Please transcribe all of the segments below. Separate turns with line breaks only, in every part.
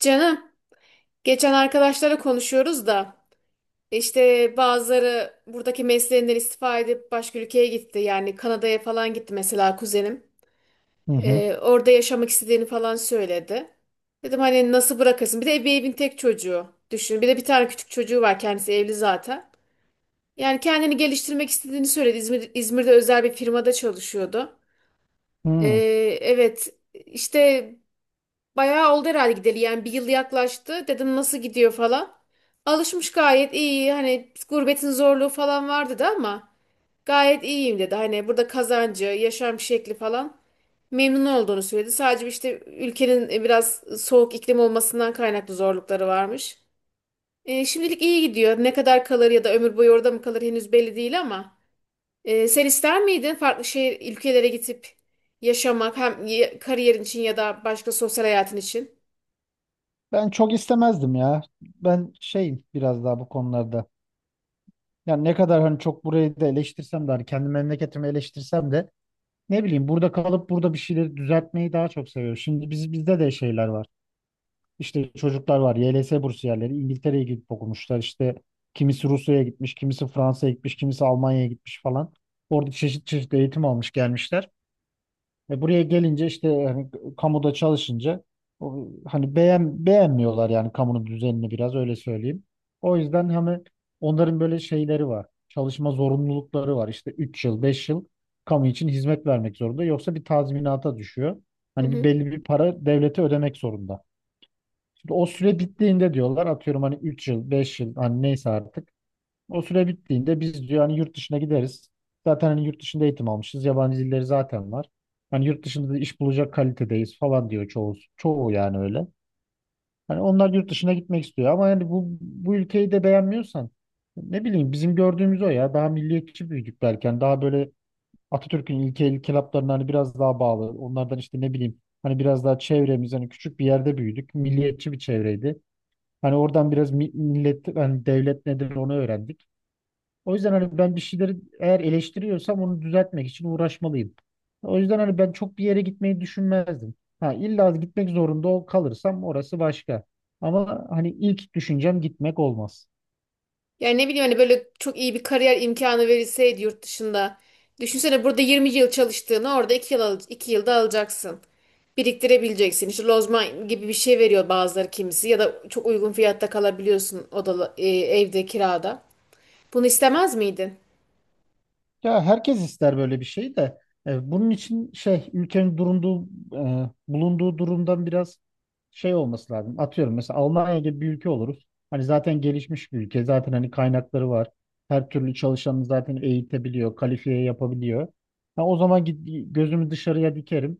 Canım, geçen arkadaşlarla konuşuyoruz da işte bazıları buradaki mesleğinden istifa edip başka ülkeye gitti. Yani Kanada'ya falan gitti mesela kuzenim.
Hı hı.
Orada yaşamak istediğini falan söyledi. Dedim hani nasıl bırakırsın? Bir de bir evin tek çocuğu düşün. Bir de bir tane küçük çocuğu var, kendisi evli zaten. Yani kendini geliştirmek istediğini söyledi. İzmir'de özel bir firmada çalışıyordu. Ee,
Hı.
evet, işte bayağı oldu herhalde gideli, yani bir yıl yaklaştı. Dedim nasıl gidiyor falan. Alışmış, gayet iyi. Hani gurbetin zorluğu falan vardı da ama gayet iyiyim dedi. Hani burada kazancı, yaşam şekli falan, memnun olduğunu söyledi. Sadece işte ülkenin biraz soğuk iklim olmasından kaynaklı zorlukları varmış. Şimdilik iyi gidiyor. Ne kadar kalır ya da ömür boyu orada mı kalır henüz belli değil ama. Sen ister miydin farklı şehir ülkelere gidip yaşamak hem kariyerin için ya da başka sosyal hayatın için?
Ben çok istemezdim ya. Ben şeyim biraz daha bu konularda. Yani ne kadar hani çok burayı da eleştirsem de hani kendi memleketimi eleştirsem de ne bileyim burada kalıp burada bir şeyleri düzeltmeyi daha çok seviyorum. Şimdi bizde de şeyler var. İşte çocuklar var. YLS bursiyerleri İngiltere'ye gidip okumuşlar. İşte kimisi Rusya'ya gitmiş, kimisi Fransa'ya gitmiş, kimisi Almanya'ya gitmiş falan. Orada çeşit çeşit eğitim almış gelmişler. Ve buraya gelince işte hani kamuda çalışınca o, hani beğenmiyorlar yani kamunun düzenini biraz öyle söyleyeyim. O yüzden hani onların böyle şeyleri var. Çalışma zorunlulukları var. İşte 3 yıl, 5 yıl kamu için hizmet vermek zorunda. Yoksa bir tazminata düşüyor.
Hı
Hani bir
hı.
belli bir para devlete ödemek zorunda. Şimdi o süre bittiğinde diyorlar atıyorum hani 3 yıl, 5 yıl hani neyse artık o süre bittiğinde biz diyor hani yurt dışına gideriz. Zaten hani yurt dışında eğitim almışız. Yabancı dilleri zaten var. Hani yurt dışında da iş bulacak kalitedeyiz falan diyor çoğu yani öyle. Hani onlar yurt dışına gitmek istiyor ama yani bu ülkeyi de beğenmiyorsan ne bileyim bizim gördüğümüz o ya daha milliyetçi büyüdük belki. Yani daha böyle Atatürk'ün ilke ilkelaplarına hani biraz daha bağlı. Onlardan işte ne bileyim hani biraz daha çevremiz hani küçük bir yerde büyüdük. Milliyetçi bir çevreydi. Hani oradan biraz millet hani devlet nedir onu öğrendik. O yüzden hani ben bir şeyleri eğer eleştiriyorsam onu düzeltmek için uğraşmalıyım. O yüzden hani ben çok bir yere gitmeyi düşünmezdim. Ha, illa gitmek zorunda kalırsam orası başka. Ama hani ilk düşüncem gitmek olmaz.
Yani ne bileyim hani böyle çok iyi bir kariyer imkanı verilseydi yurt dışında. Düşünsene burada 20 yıl çalıştığını orada iki yılda alacaksın. Biriktirebileceksin. İşte lozman gibi bir şey veriyor bazıları, kimisi ya da çok uygun fiyatta kalabiliyorsun odalı evde kirada. Bunu istemez miydin?
Ya herkes ister böyle bir şey de bunun için şey ülkenin bulunduğu durumdan biraz şey olması lazım. Atıyorum mesela Almanya gibi bir ülke oluruz. Hani zaten gelişmiş bir ülke. Zaten hani kaynakları var. Her türlü çalışanı zaten eğitebiliyor, kalifiye yapabiliyor. Ha, o zaman git, gözümü dışarıya dikerim.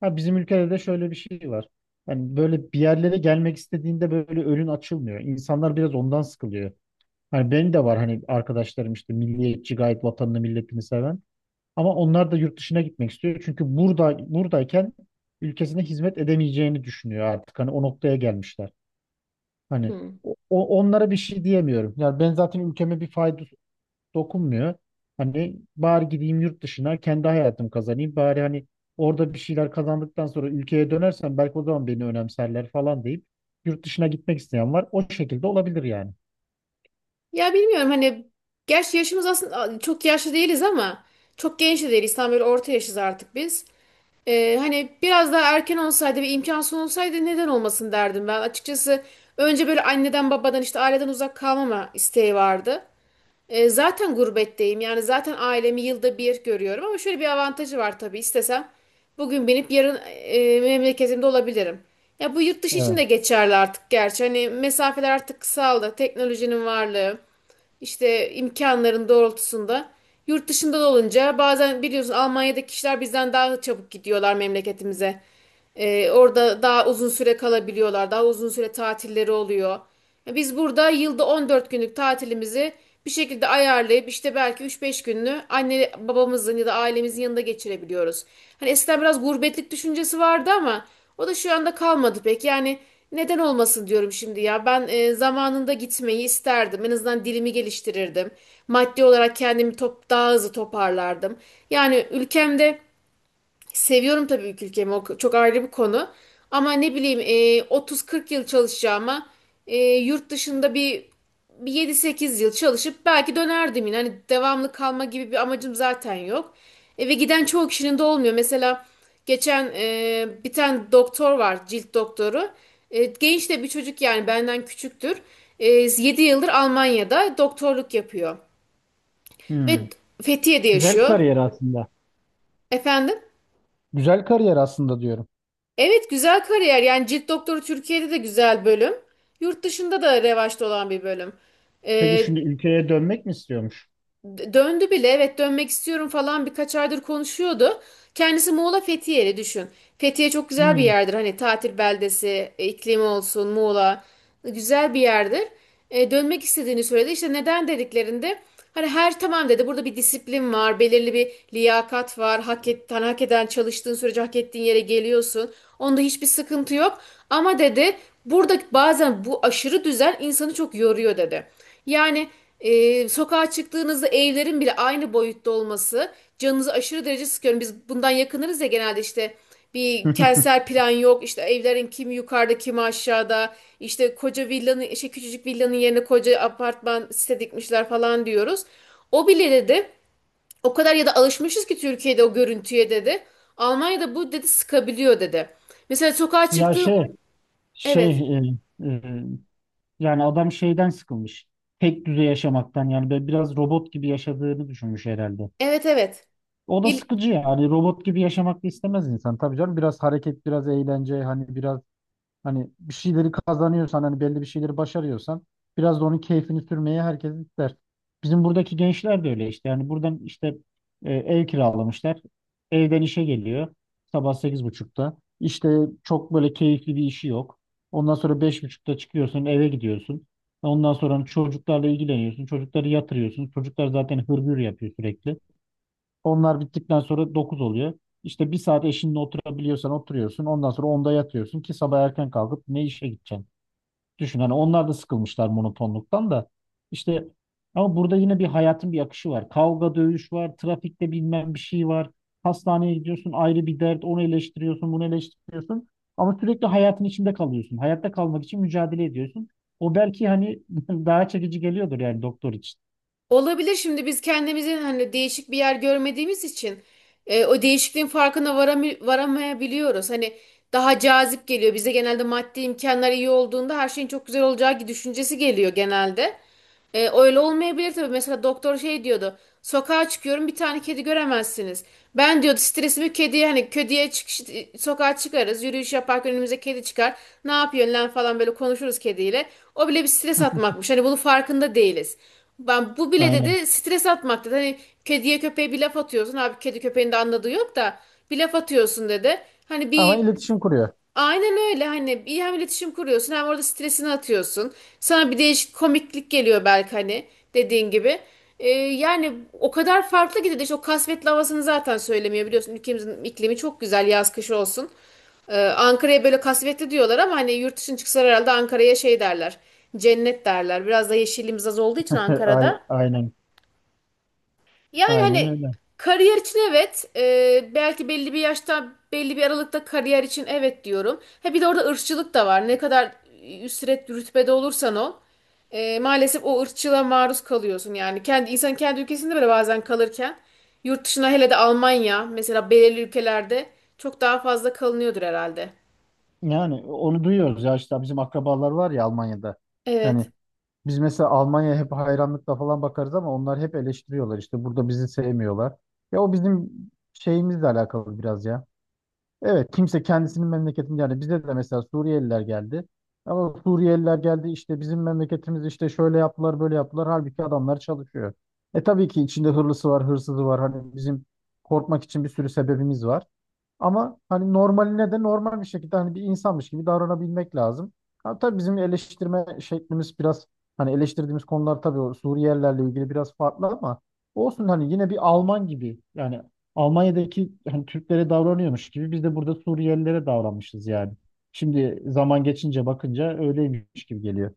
Ha, bizim ülkede de şöyle bir şey var. Yani böyle bir yerlere gelmek istediğinde böyle önün açılmıyor. İnsanlar biraz ondan sıkılıyor. Hani benim de var hani arkadaşlarım işte milliyetçi, gayet vatanını milletini seven. Ama onlar da yurt dışına gitmek istiyor. Çünkü burada buradayken ülkesine hizmet edemeyeceğini düşünüyor artık. Hani o noktaya gelmişler. Hani
Hmm.
onlara bir şey diyemiyorum. Yani ben zaten ülkeme bir fayda dokunmuyor. Hani bari gideyim yurt dışına kendi hayatımı kazanayım. Bari hani orada bir şeyler kazandıktan sonra ülkeye dönersem belki o zaman beni önemserler falan deyip yurt dışına gitmek isteyen var. O şekilde olabilir yani.
Ya bilmiyorum hani, gerçi yaşımız aslında çok yaşlı değiliz ama çok genç de değiliz. Tam böyle orta yaşız artık biz. Hani biraz daha erken olsaydı ve imkansız olsaydı neden olmasın derdim ben. Açıkçası önce böyle anneden babadan işte aileden uzak kalmama isteği vardı. Zaten gurbetteyim. Yani zaten ailemi yılda bir görüyorum ama şöyle bir avantajı var tabii. İstesem bugün binip yarın memleketimde olabilirim. Ya bu yurt dışı için de
Evet.
geçerli artık gerçi. Hani mesafeler artık kısaldı. Teknolojinin varlığı, işte imkanların doğrultusunda. Yurt dışında da olunca bazen biliyorsun Almanya'daki kişiler bizden daha çabuk gidiyorlar memleketimize. Orada daha uzun süre kalabiliyorlar. Daha uzun süre tatilleri oluyor. Ya biz burada yılda 14 günlük tatilimizi bir şekilde ayarlayıp işte belki 3-5 gününü anne babamızın ya da ailemizin yanında geçirebiliyoruz. Hani eskiden biraz gurbetlik düşüncesi vardı ama o da şu anda kalmadı pek. Yani neden olmasın diyorum şimdi ya. Ben zamanında gitmeyi isterdim. En azından dilimi geliştirirdim. Maddi olarak daha hızlı toparlardım. Yani ülkemde, seviyorum tabii ilk ülkemi. O çok ayrı bir konu. Ama ne bileyim 30-40 yıl çalışacağıma yurt dışında bir 7-8 yıl çalışıp belki dönerdim yine. Hani devamlı kalma gibi bir amacım zaten yok. Ve giden çoğu kişinin de olmuyor. Mesela geçen bir tane doktor var, cilt doktoru. Genç de bir çocuk, yani benden küçüktür. 7 yıldır Almanya'da doktorluk yapıyor.
Hmm.
Ve Fethiye'de
Güzel
yaşıyor.
kariyer aslında.
Efendim?
Güzel kariyer aslında diyorum.
Evet, güzel kariyer. Yani cilt doktoru Türkiye'de de güzel bölüm. Yurt dışında da revaçta olan bir bölüm.
Peki
Ee,
şimdi ülkeye dönmek mi istiyormuş?
Döndü bile, evet, dönmek istiyorum falan birkaç aydır konuşuyordu. Kendisi Muğla Fethiye'li, düşün. Fethiye çok güzel bir
Hmm.
yerdir, hani tatil beldesi, iklimi olsun, Muğla güzel bir yerdir. Dönmek istediğini söyledi. İşte neden dediklerinde hani her tamam dedi, burada bir disiplin var, belirli bir liyakat var. Hani hak eden, çalıştığın sürece hak ettiğin yere geliyorsun. Onda hiçbir sıkıntı yok. Ama dedi, burada bazen bu aşırı düzen insanı çok yoruyor dedi. Yani sokağa çıktığınızda evlerin bile aynı boyutta olması canınızı aşırı derece sıkıyorum. Biz bundan yakınırız ya genelde, işte bir kentsel plan yok. İşte evlerin kimi yukarıda kimi aşağıda. İşte koca villanın şey, küçücük villanın yerine koca apartman site dikmişler falan diyoruz. O bile dedi, o kadar ya da alışmışız ki Türkiye'de o görüntüye dedi. Almanya'da bu dedi sıkabiliyor dedi. Mesela sokağa
Ya
çıktığım evet,
şey e, e, yani adam şeyden sıkılmış. Tek düze yaşamaktan yani böyle biraz robot gibi yaşadığını düşünmüş herhalde.
evet, evet.
O da
İl-
sıkıcı yani robot gibi yaşamak da istemez insan. Tabii canım biraz hareket, biraz eğlence, hani biraz. Hani bir şeyleri kazanıyorsan hani belli bir şeyleri başarıyorsan biraz da onun keyfini sürmeye herkes ister. Bizim buradaki gençler de öyle işte. Yani buradan işte ev kiralamışlar. Evden işe geliyor. Sabah 8.30'da. İşte çok böyle keyifli bir işi yok. Ondan sonra 5.30'da çıkıyorsun, eve gidiyorsun. Ondan sonra hani çocuklarla ilgileniyorsun. Çocukları yatırıyorsun. Çocuklar zaten hırgür yapıyor sürekli. Onlar bittikten sonra 9 oluyor. İşte bir saat eşinle oturabiliyorsan oturuyorsun. Ondan sonra 10'da yatıyorsun ki sabah erken kalkıp ne işe gideceksin? Düşün, hani onlar da sıkılmışlar monotonluktan da. İşte ama burada yine bir hayatın bir akışı var. Kavga, dövüş var. Trafikte bilmem bir şey var. Hastaneye gidiyorsun, ayrı bir dert. Onu eleştiriyorsun, bunu eleştiriyorsun. Ama sürekli hayatın içinde kalıyorsun. Hayatta kalmak için mücadele ediyorsun. O belki hani daha çekici geliyordur yani doktor için.
Olabilir, şimdi biz kendimizin hani değişik bir yer görmediğimiz için o değişikliğin varamayabiliyoruz. Hani daha cazip geliyor. Bize genelde maddi imkanlar iyi olduğunda her şeyin çok güzel olacağı düşüncesi geliyor genelde. Öyle olmayabilir tabii. Mesela doktor şey diyordu. Sokağa çıkıyorum bir tane kedi göremezsiniz. Ben diyordu stresimi kediye, sokağa çıkarız. Yürüyüş yaparken önümüze kedi çıkar. Ne yapıyorsun lan falan böyle konuşuruz kediyle. O bile bir stres atmakmış. Hani bunun farkında değiliz. Ben bu bile
Aynen.
dedi stres atmak dedi. Hani kediye köpeğe bir laf atıyorsun. Abi kedi köpeğin de anladığı yok da bir laf atıyorsun dedi. Hani
Ama
bir,
iletişim kuruyor.
aynen öyle, hani iyi, hem iletişim kuruyorsun hem orada stresini atıyorsun. Sana bir değişik komiklik geliyor belki, hani dediğin gibi. Yani o kadar farklı gidiyor. İşte o kasvetli havasını zaten söylemiyor biliyorsun. Ülkemizin iklimi çok güzel yaz kış olsun. Ankara'ya böyle kasvetli diyorlar ama hani yurt dışına çıksalar herhalde Ankara'ya şey derler. Cennet derler. Biraz da yeşilliğimiz az olduğu için Ankara'da.
Aynen.
Yani
Aynen
hani
öyle.
kariyer için evet, belki belli bir yaşta, belli bir aralıkta kariyer için evet diyorum. He bir de orada ırkçılık da var. Ne kadar üstret rütbede olursan ol, maalesef o ırkçılığa maruz kalıyorsun. Yani kendi insan kendi ülkesinde bile bazen kalırken yurt dışına, hele de Almanya mesela, belirli ülkelerde çok daha fazla kalınıyordur herhalde.
Yani onu duyuyoruz ya işte bizim akrabalar var ya Almanya'da. Yani
Evet.
biz mesela Almanya'ya hep hayranlıkla falan bakarız ama onlar hep eleştiriyorlar. İşte burada bizi sevmiyorlar. Ya o bizim şeyimizle alakalı biraz ya. Evet, kimse kendisinin memleketini yani bize de mesela Suriyeliler geldi. Ama Suriyeliler geldi işte bizim memleketimiz işte şöyle yaptılar, böyle yaptılar. Halbuki adamlar çalışıyor. E tabii ki içinde hırlısı var, hırsızı var. Hani bizim korkmak için bir sürü sebebimiz var. Ama hani normaline de normal bir şekilde hani bir insanmış gibi davranabilmek lazım. Ha, tabii bizim eleştirme şeklimiz biraz hani eleştirdiğimiz konular tabii o Suriyelilerle ilgili biraz farklı ama olsun hani yine bir Alman gibi yani Almanya'daki hani Türklere davranıyormuş gibi biz de burada Suriyelilere davranmışız yani. Şimdi zaman geçince bakınca öyleymiş gibi geliyor.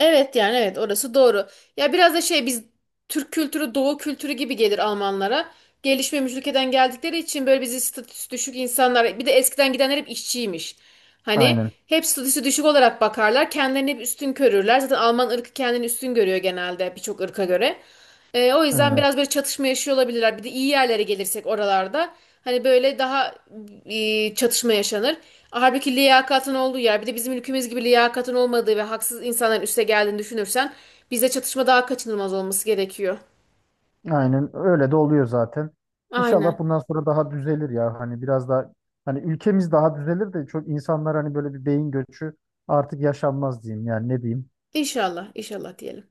Evet, yani evet, orası doğru. Ya biraz da şey, biz Türk kültürü Doğu kültürü gibi gelir Almanlara. Gelişmemiş ülkeden geldikleri için böyle bizi statüsü düşük insanlar, bir de eskiden gidenler hep işçiymiş. Hani
Aynen.
hep statüsü düşük olarak bakarlar. Kendilerini hep üstün görürler. Zaten Alman ırkı kendini üstün görüyor genelde birçok ırka göre. O yüzden
Aynen.
biraz böyle çatışma yaşıyor olabilirler. Bir de iyi yerlere gelirsek oralarda hani böyle daha çatışma yaşanır. Halbuki liyakatın olduğu yer bir de bizim ülkemiz gibi liyakatın olmadığı ve haksız insanların üste geldiğini düşünürsen bize çatışma daha kaçınılmaz olması gerekiyor.
Aynen öyle de oluyor zaten. İnşallah
Aynen.
bundan sonra daha düzelir ya. Hani biraz daha hani ülkemiz daha düzelir de çok insanlar hani böyle bir beyin göçü artık yaşanmaz diyeyim yani ne diyeyim.
İnşallah, inşallah diyelim.